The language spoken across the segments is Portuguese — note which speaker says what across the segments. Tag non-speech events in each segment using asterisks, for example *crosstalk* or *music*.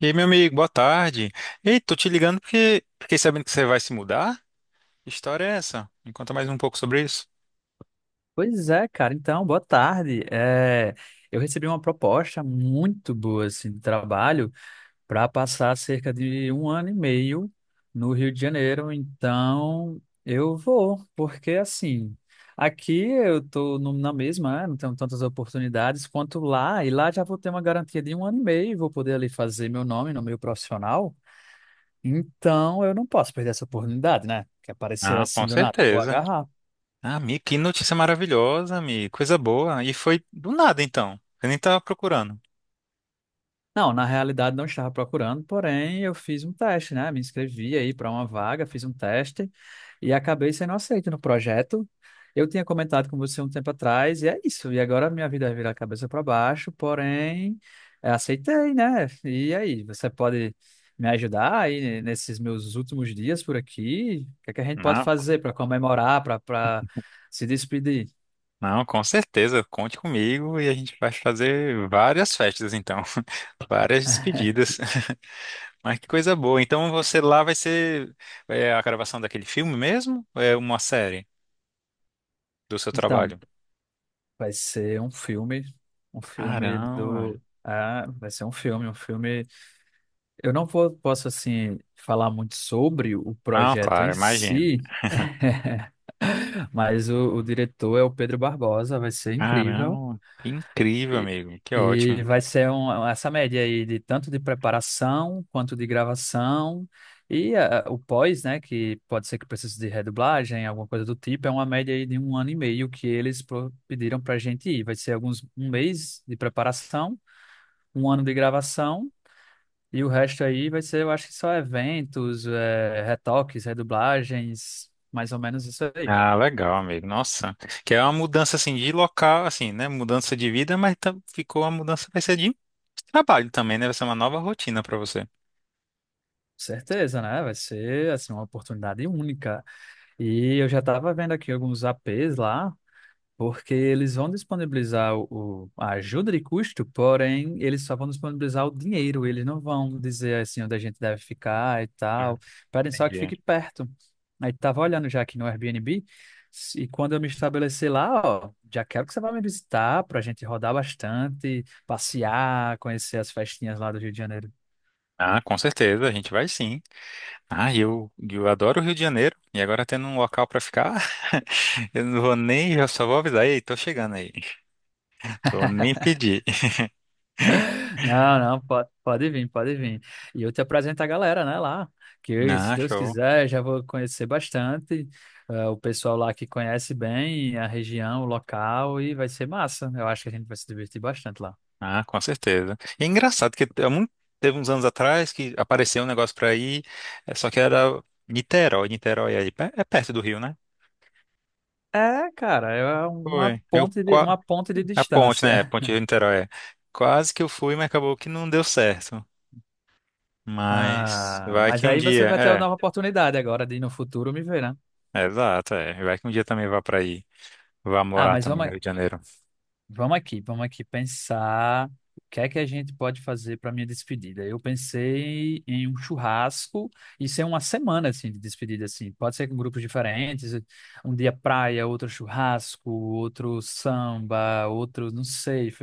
Speaker 1: E aí, meu amigo, boa tarde. Ei, tô te ligando porque fiquei sabendo que você vai se mudar. Que história é essa? Me conta mais um pouco sobre isso.
Speaker 2: Pois é, cara. Então, boa tarde. Eu recebi uma proposta muito boa assim, de trabalho para passar cerca de um ano e meio no Rio de Janeiro. Então, eu vou, porque assim, aqui eu estou na mesma, né, não tenho tantas oportunidades quanto lá, e lá já vou ter uma garantia de um ano e meio, vou poder ali fazer meu nome no meio profissional. Então, eu não posso perder essa oportunidade, né? Que apareceu
Speaker 1: Ah, com
Speaker 2: assim do nada. Vou
Speaker 1: certeza.
Speaker 2: agarrar.
Speaker 1: Ah, amigo, que notícia maravilhosa, amigo. Coisa boa. E foi do nada, então. Eu nem tava procurando.
Speaker 2: Não, na realidade não estava procurando, porém eu fiz um teste, né? Me inscrevi aí para uma vaga, fiz um teste e acabei sendo aceito no projeto. Eu tinha comentado com você um tempo atrás e é isso. E agora minha vida vira cabeça para baixo, porém aceitei, né? E aí, você pode me ajudar aí nesses meus últimos dias por aqui? O que é que a gente pode
Speaker 1: Não,
Speaker 2: fazer para comemorar, para se despedir?
Speaker 1: não, com certeza. Conte comigo e a gente vai fazer várias festas, então. *laughs* Várias
Speaker 2: *laughs*
Speaker 1: despedidas. *laughs* Mas que coisa boa. Então você lá vai ser a gravação daquele filme mesmo? Ou é uma série do seu
Speaker 2: Então.
Speaker 1: trabalho?
Speaker 2: Vai ser um filme,
Speaker 1: Caramba.
Speaker 2: um filme. Eu não vou, posso, assim, falar muito sobre o
Speaker 1: Não,
Speaker 2: projeto em
Speaker 1: claro, imagino.
Speaker 2: si, *laughs* mas o diretor é o Pedro Barbosa, vai ser incrível.
Speaker 1: Caramba, que incrível,
Speaker 2: E,
Speaker 1: amigo. Que ótimo.
Speaker 2: e vai ser um, essa média aí de tanto de preparação quanto de gravação e o pós, né, que pode ser que precise de redublagem, alguma coisa do tipo, é uma média aí de um ano e meio que eles pediram pra gente ir. Vai ser alguns um mês de preparação, um ano de gravação e o resto aí vai ser, eu acho que só eventos, retoques, redublagens, mais ou menos isso aí.
Speaker 1: Ah, legal, amigo. Nossa, que é uma mudança assim de local, assim, né? Mudança de vida, mas ficou uma mudança vai ser de trabalho também, né? Vai ser uma nova rotina pra você.
Speaker 2: Certeza, né? Vai ser assim uma oportunidade única. E eu já estava vendo aqui alguns APs lá, porque eles vão disponibilizar a ajuda de custo, porém, eles só vão disponibilizar o dinheiro, eles não vão dizer assim onde a gente deve ficar e tal.
Speaker 1: Hum.
Speaker 2: Pedem só que
Speaker 1: Entendi.
Speaker 2: fique perto. Aí tava olhando já aqui no Airbnb, e quando eu me estabelecer lá, ó, já quero que você vá me visitar para a gente rodar bastante, passear, conhecer as festinhas lá do Rio de Janeiro.
Speaker 1: Ah, com certeza, a gente vai sim. Ah, e eu adoro o Rio de Janeiro e agora tendo um local pra ficar, *laughs* eu não vou nem, eu só vou avisar, ei, tô chegando aí. *laughs* Vou nem pedir. *laughs*
Speaker 2: Não, não, pode vir, pode vir. E eu te apresento a galera, né, lá, que eu, se
Speaker 1: Ah,
Speaker 2: Deus
Speaker 1: show.
Speaker 2: quiser, já vou conhecer bastante, o pessoal lá que conhece bem a região, o local, e vai ser massa. Eu acho que a gente vai se divertir bastante lá.
Speaker 1: Ah, com certeza. E é engraçado que teve uns anos atrás que apareceu um negócio pra ir, é, só que era Niterói. Niterói é, é perto do Rio, né?
Speaker 2: É, cara, é
Speaker 1: Foi.
Speaker 2: uma ponte de
Speaker 1: A ponte, né? É a
Speaker 2: distância.
Speaker 1: ponte
Speaker 2: *laughs*
Speaker 1: de Niterói, é. Quase que eu fui, mas acabou que não deu certo. Mas
Speaker 2: Ah,
Speaker 1: vai
Speaker 2: mas
Speaker 1: que um
Speaker 2: aí você
Speaker 1: dia.
Speaker 2: vai ter uma
Speaker 1: É,
Speaker 2: nova oportunidade agora de no futuro me ver, né?
Speaker 1: é, exato. É. Vai que um dia também vá pra aí. Vá
Speaker 2: Ah,
Speaker 1: morar
Speaker 2: mas
Speaker 1: também no
Speaker 2: vamos.
Speaker 1: Rio de Janeiro.
Speaker 2: Vamos aqui pensar o que é que a gente pode fazer para minha despedida. Eu pensei em um churrasco, isso é uma semana assim de despedida assim. Pode ser com grupos diferentes, um dia praia, outro churrasco, outro samba, outro, não sei.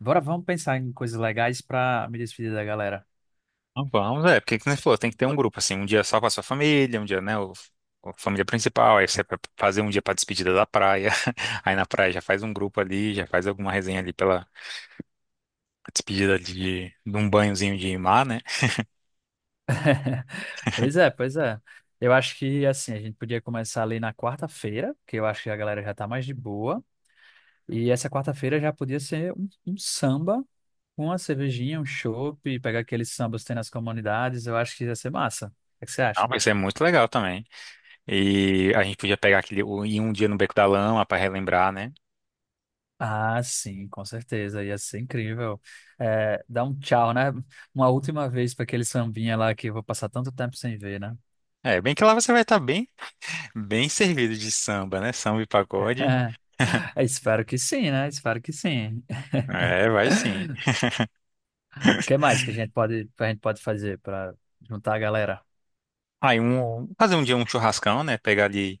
Speaker 2: Bora, vamos pensar em coisas legais para me despedir da galera.
Speaker 1: Não, vamos, é, porque que nem você falou, tem que ter um grupo, assim, um dia só com a sua família, um dia, né, o, a família principal, aí você vai fazer um dia pra despedida da praia, *laughs* aí na praia já faz um grupo ali, já faz alguma resenha ali pela despedida de um banhozinho de mar, né?
Speaker 2: *laughs* Pois é, pois é. Eu acho que assim, a gente podia começar ali na quarta-feira, que eu acho que a galera já tá mais de boa. E essa quarta-feira já podia ser um samba com uma cervejinha, um chopp, pegar aqueles sambas que tem nas comunidades, eu acho que ia ser massa. O que você
Speaker 1: Não,
Speaker 2: acha?
Speaker 1: vai ser muito legal também. E a gente podia pegar aquele, ir um dia no Beco da Lama pra relembrar, né?
Speaker 2: Ah, sim, com certeza, ia ser incrível. É, dar um tchau, né? Uma última vez para aquele sambinha lá que eu vou passar tanto tempo sem ver, né?
Speaker 1: É, bem que lá você vai estar bem, bem servido de samba, né? Samba e pagode.
Speaker 2: *laughs* Espero que sim, né? Espero que sim. *laughs*
Speaker 1: É, vai sim.
Speaker 2: O que mais que a gente pode fazer para juntar a galera?
Speaker 1: Aí um, fazer um dia um churrascão, né? Pegar ali.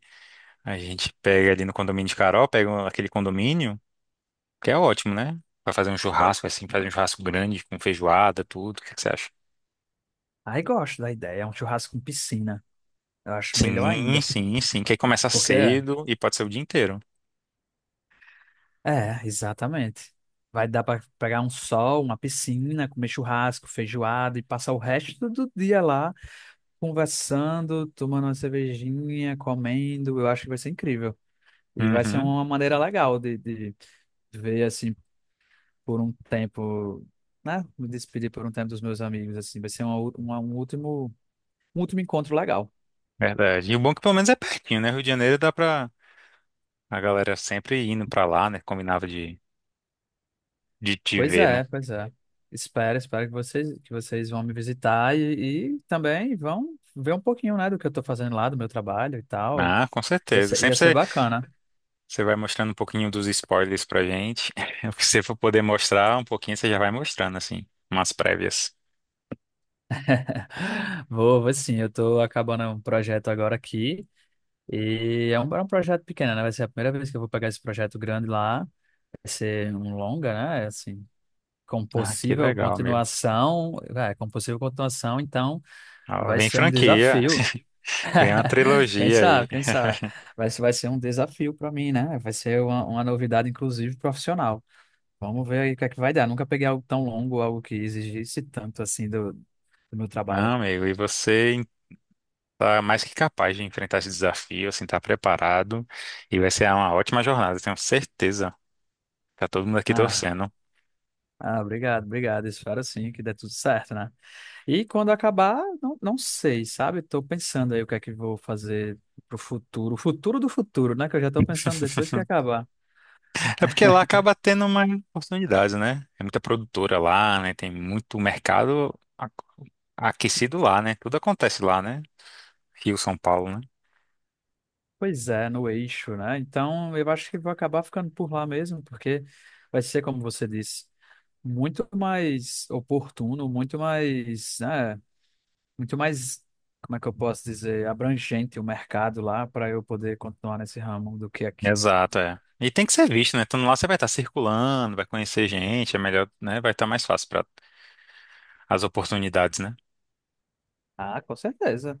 Speaker 1: A gente pega ali no condomínio de Carol, pega aquele condomínio, que é ótimo, né? Pra fazer um churrasco, assim, fazer um churrasco grande, com feijoada, tudo. O que que você acha?
Speaker 2: Aí gosto da ideia, é um churrasco com piscina. Eu acho melhor
Speaker 1: Sim,
Speaker 2: ainda.
Speaker 1: sim, sim. Que aí começa
Speaker 2: Porque
Speaker 1: cedo e pode ser o dia inteiro.
Speaker 2: É, exatamente. Vai dar para pegar um sol, uma piscina, comer churrasco, feijoada e passar o resto do dia lá conversando, tomando uma cervejinha, comendo. Eu acho que vai ser incrível. E vai ser
Speaker 1: Uhum,
Speaker 2: uma maneira legal de ver, assim, por um tempo, né? Me despedir por um tempo dos meus amigos, assim. Vai ser uma, u- uma- um último encontro legal.
Speaker 1: verdade. E o bom é que pelo menos é pertinho, né? Rio de Janeiro dá pra a galera sempre indo pra lá, né? Combinava de te
Speaker 2: Pois
Speaker 1: ver, né?
Speaker 2: é, pois é. Espero, espero que vocês vão me visitar e também vão ver um pouquinho, né, do que eu estou fazendo lá, do meu trabalho e tal.
Speaker 1: Ah, com certeza.
Speaker 2: Ia
Speaker 1: Sempre
Speaker 2: ser
Speaker 1: você,
Speaker 2: bacana.
Speaker 1: você vai mostrando um pouquinho dos spoilers pra gente. *laughs* O que você for poder mostrar um pouquinho, você já vai mostrando, assim, umas prévias.
Speaker 2: *laughs* Vou, vou sim, eu estou acabando um projeto agora aqui. E é é um projeto pequeno, né? Vai ser a primeira vez que eu vou pegar esse projeto grande lá. Vai ser um longa, né? Assim, com
Speaker 1: Ah, que
Speaker 2: possível
Speaker 1: legal, amigo.
Speaker 2: continuação. É, com possível continuação, então
Speaker 1: Ó,
Speaker 2: vai
Speaker 1: vem
Speaker 2: ser um
Speaker 1: franquia,
Speaker 2: desafio.
Speaker 1: *laughs* vem uma
Speaker 2: Quem
Speaker 1: trilogia aí.
Speaker 2: sabe, quem sabe.
Speaker 1: *laughs*
Speaker 2: Vai ser um desafio para mim, né? Vai ser uma novidade, inclusive, profissional. Vamos ver aí o que é que vai dar. Nunca peguei algo tão longo, algo que exigisse tanto assim do meu trabalho.
Speaker 1: Não, amigo, e você tá mais que capaz de enfrentar esse desafio, assim, tá preparado e vai ser uma ótima jornada, tenho certeza. Tá todo mundo aqui
Speaker 2: Ah,
Speaker 1: torcendo.
Speaker 2: ah, obrigado, obrigado. Espero sim que dê tudo certo, né? E quando acabar, não, não sei, sabe? Estou pensando aí o que é que vou fazer pro futuro, o futuro do futuro, né? Que eu já estou pensando depois que acabar.
Speaker 1: É porque lá acaba tendo mais oportunidades, né? É muita produtora lá, né? Tem muito mercado aquecido lá, né? Tudo acontece lá, né? Rio, São Paulo, né?
Speaker 2: Pois é, no eixo, né? Então, eu acho que vou acabar ficando por lá mesmo, porque vai ser, como você disse, muito mais oportuno, muito mais, né, muito mais, como é que eu posso dizer, abrangente o mercado lá para eu poder continuar nesse ramo do que aqui.
Speaker 1: Exato, é. E tem que ser visto, né? Então lá, você vai estar circulando, vai conhecer gente, é melhor, né? Vai estar mais fácil para as oportunidades, né?
Speaker 2: Ah, com certeza.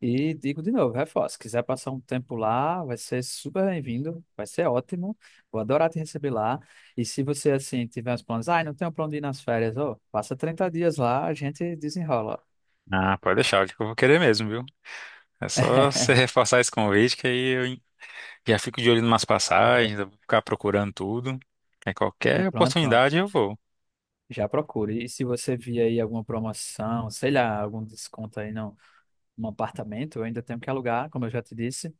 Speaker 2: E digo de novo, reforço, se quiser passar um tempo lá, vai ser super bem-vindo, vai ser ótimo, vou adorar te receber lá. E se você, assim, tiver uns planos, ah, não tenho plano de ir nas férias, ô, passa 30 dias lá, a gente desenrola.
Speaker 1: Ah, pode deixar, acho que eu vou querer mesmo, viu? É só você *laughs*
Speaker 2: *laughs*
Speaker 1: reforçar esse convite que já fico de olho em umas passagens, eu vou ficar procurando tudo. É
Speaker 2: Né?
Speaker 1: qualquer
Speaker 2: Pronto, pronto.
Speaker 1: oportunidade eu vou.
Speaker 2: Já procure. E se você vir aí alguma promoção, sei lá, algum desconto aí no, num apartamento, eu ainda tenho que alugar, como eu já te disse.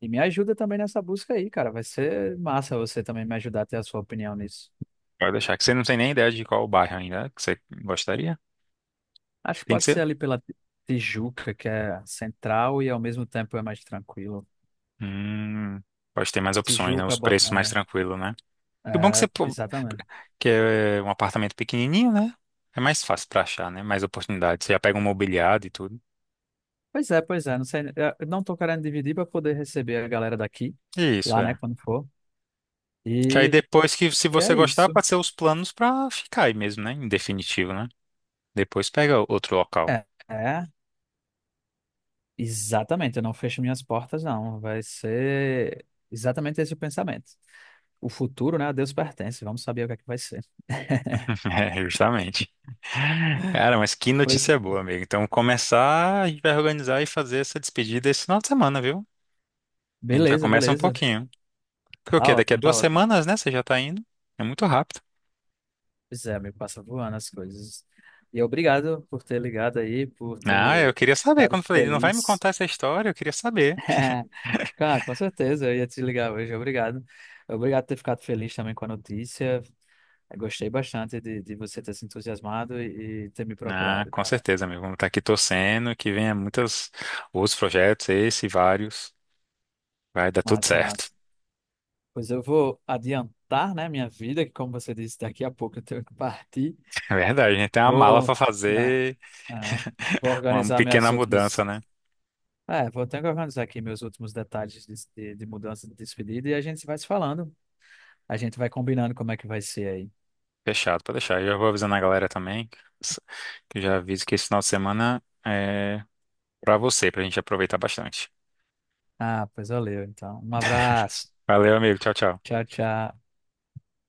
Speaker 2: E me ajuda também nessa busca aí, cara. Vai ser massa você também me ajudar a ter a sua opinião nisso.
Speaker 1: Pode deixar, que você não tem nem ideia de qual bairro ainda que você gostaria.
Speaker 2: Acho que
Speaker 1: Tem que
Speaker 2: pode
Speaker 1: ser.
Speaker 2: ser ali Tijuca, que é central e ao mesmo tempo é mais tranquilo.
Speaker 1: Hum, pode ter mais opções, né?
Speaker 2: Tijuca,
Speaker 1: Os preços mais
Speaker 2: bota...
Speaker 1: tranquilos, né?
Speaker 2: é,
Speaker 1: E o bom que
Speaker 2: é,
Speaker 1: você pô,
Speaker 2: exatamente.
Speaker 1: que é um apartamento pequenininho, né? É mais fácil pra achar, né? Mais oportunidades. Você já pega um mobiliado e tudo.
Speaker 2: Pois é, pois é. Não sei, eu não tô querendo dividir para poder receber a galera daqui,
Speaker 1: Isso,
Speaker 2: lá, né,
Speaker 1: é.
Speaker 2: quando for.
Speaker 1: Que aí
Speaker 2: E,
Speaker 1: depois que, se
Speaker 2: e
Speaker 1: você
Speaker 2: é
Speaker 1: gostar,
Speaker 2: isso.
Speaker 1: pode ser os planos pra ficar aí mesmo, né? Em definitivo, né? Depois pega outro local.
Speaker 2: É, é, exatamente. Eu não fecho minhas portas, não. Vai ser exatamente esse o pensamento. O futuro, né, a Deus pertence. Vamos saber o que é que vai ser. *laughs*
Speaker 1: *laughs* É, justamente. Cara, mas que
Speaker 2: Pois,
Speaker 1: notícia boa, amigo. Então, começar, a gente vai organizar e fazer essa despedida esse final de semana, viu? A gente já
Speaker 2: beleza,
Speaker 1: começa um
Speaker 2: beleza.
Speaker 1: pouquinho. Porque o
Speaker 2: Tá
Speaker 1: quê? Daqui a
Speaker 2: ótimo, tá
Speaker 1: duas
Speaker 2: ótimo.
Speaker 1: semanas, né? Você já tá indo. É muito rápido.
Speaker 2: Pois é, amigo, passa voando as coisas. E obrigado por ter ligado aí, por
Speaker 1: Ah, eu
Speaker 2: ter
Speaker 1: queria saber.
Speaker 2: ficado
Speaker 1: Quando eu falei, ele não vai me
Speaker 2: feliz.
Speaker 1: contar essa história, eu queria saber.
Speaker 2: *laughs* Cara, com certeza, eu ia te ligar hoje, obrigado. Obrigado por ter ficado feliz também com a notícia. Eu gostei bastante de você ter se entusiasmado e ter me
Speaker 1: Ah,
Speaker 2: procurado,
Speaker 1: com
Speaker 2: cara.
Speaker 1: certeza, amigo. Vamos estar aqui torcendo que venha muitos outros projetos, esse e vários. Vai dar tudo
Speaker 2: Massa,
Speaker 1: certo.
Speaker 2: massa. Pois eu vou adiantar, né, minha vida, que como você disse, daqui a pouco eu tenho que partir.
Speaker 1: É verdade, a gente tem uma mala
Speaker 2: Vou,
Speaker 1: pra
Speaker 2: é,
Speaker 1: fazer,
Speaker 2: é, vou
Speaker 1: *laughs* uma
Speaker 2: organizar minhas
Speaker 1: pequena mudança,
Speaker 2: últimas
Speaker 1: né?
Speaker 2: Ah, é, vou ter que organizar aqui meus últimos detalhes de mudança de despedida e a gente vai se falando. A gente vai combinando como é que vai ser aí.
Speaker 1: Fechado, pode deixar. Eu já vou avisando a galera também, que eu já aviso que esse final de semana é pra você, pra gente aproveitar bastante.
Speaker 2: Ah, pois valeu, então. Um abraço.
Speaker 1: Valeu, amigo. Tchau, tchau.
Speaker 2: Tchau, tchau.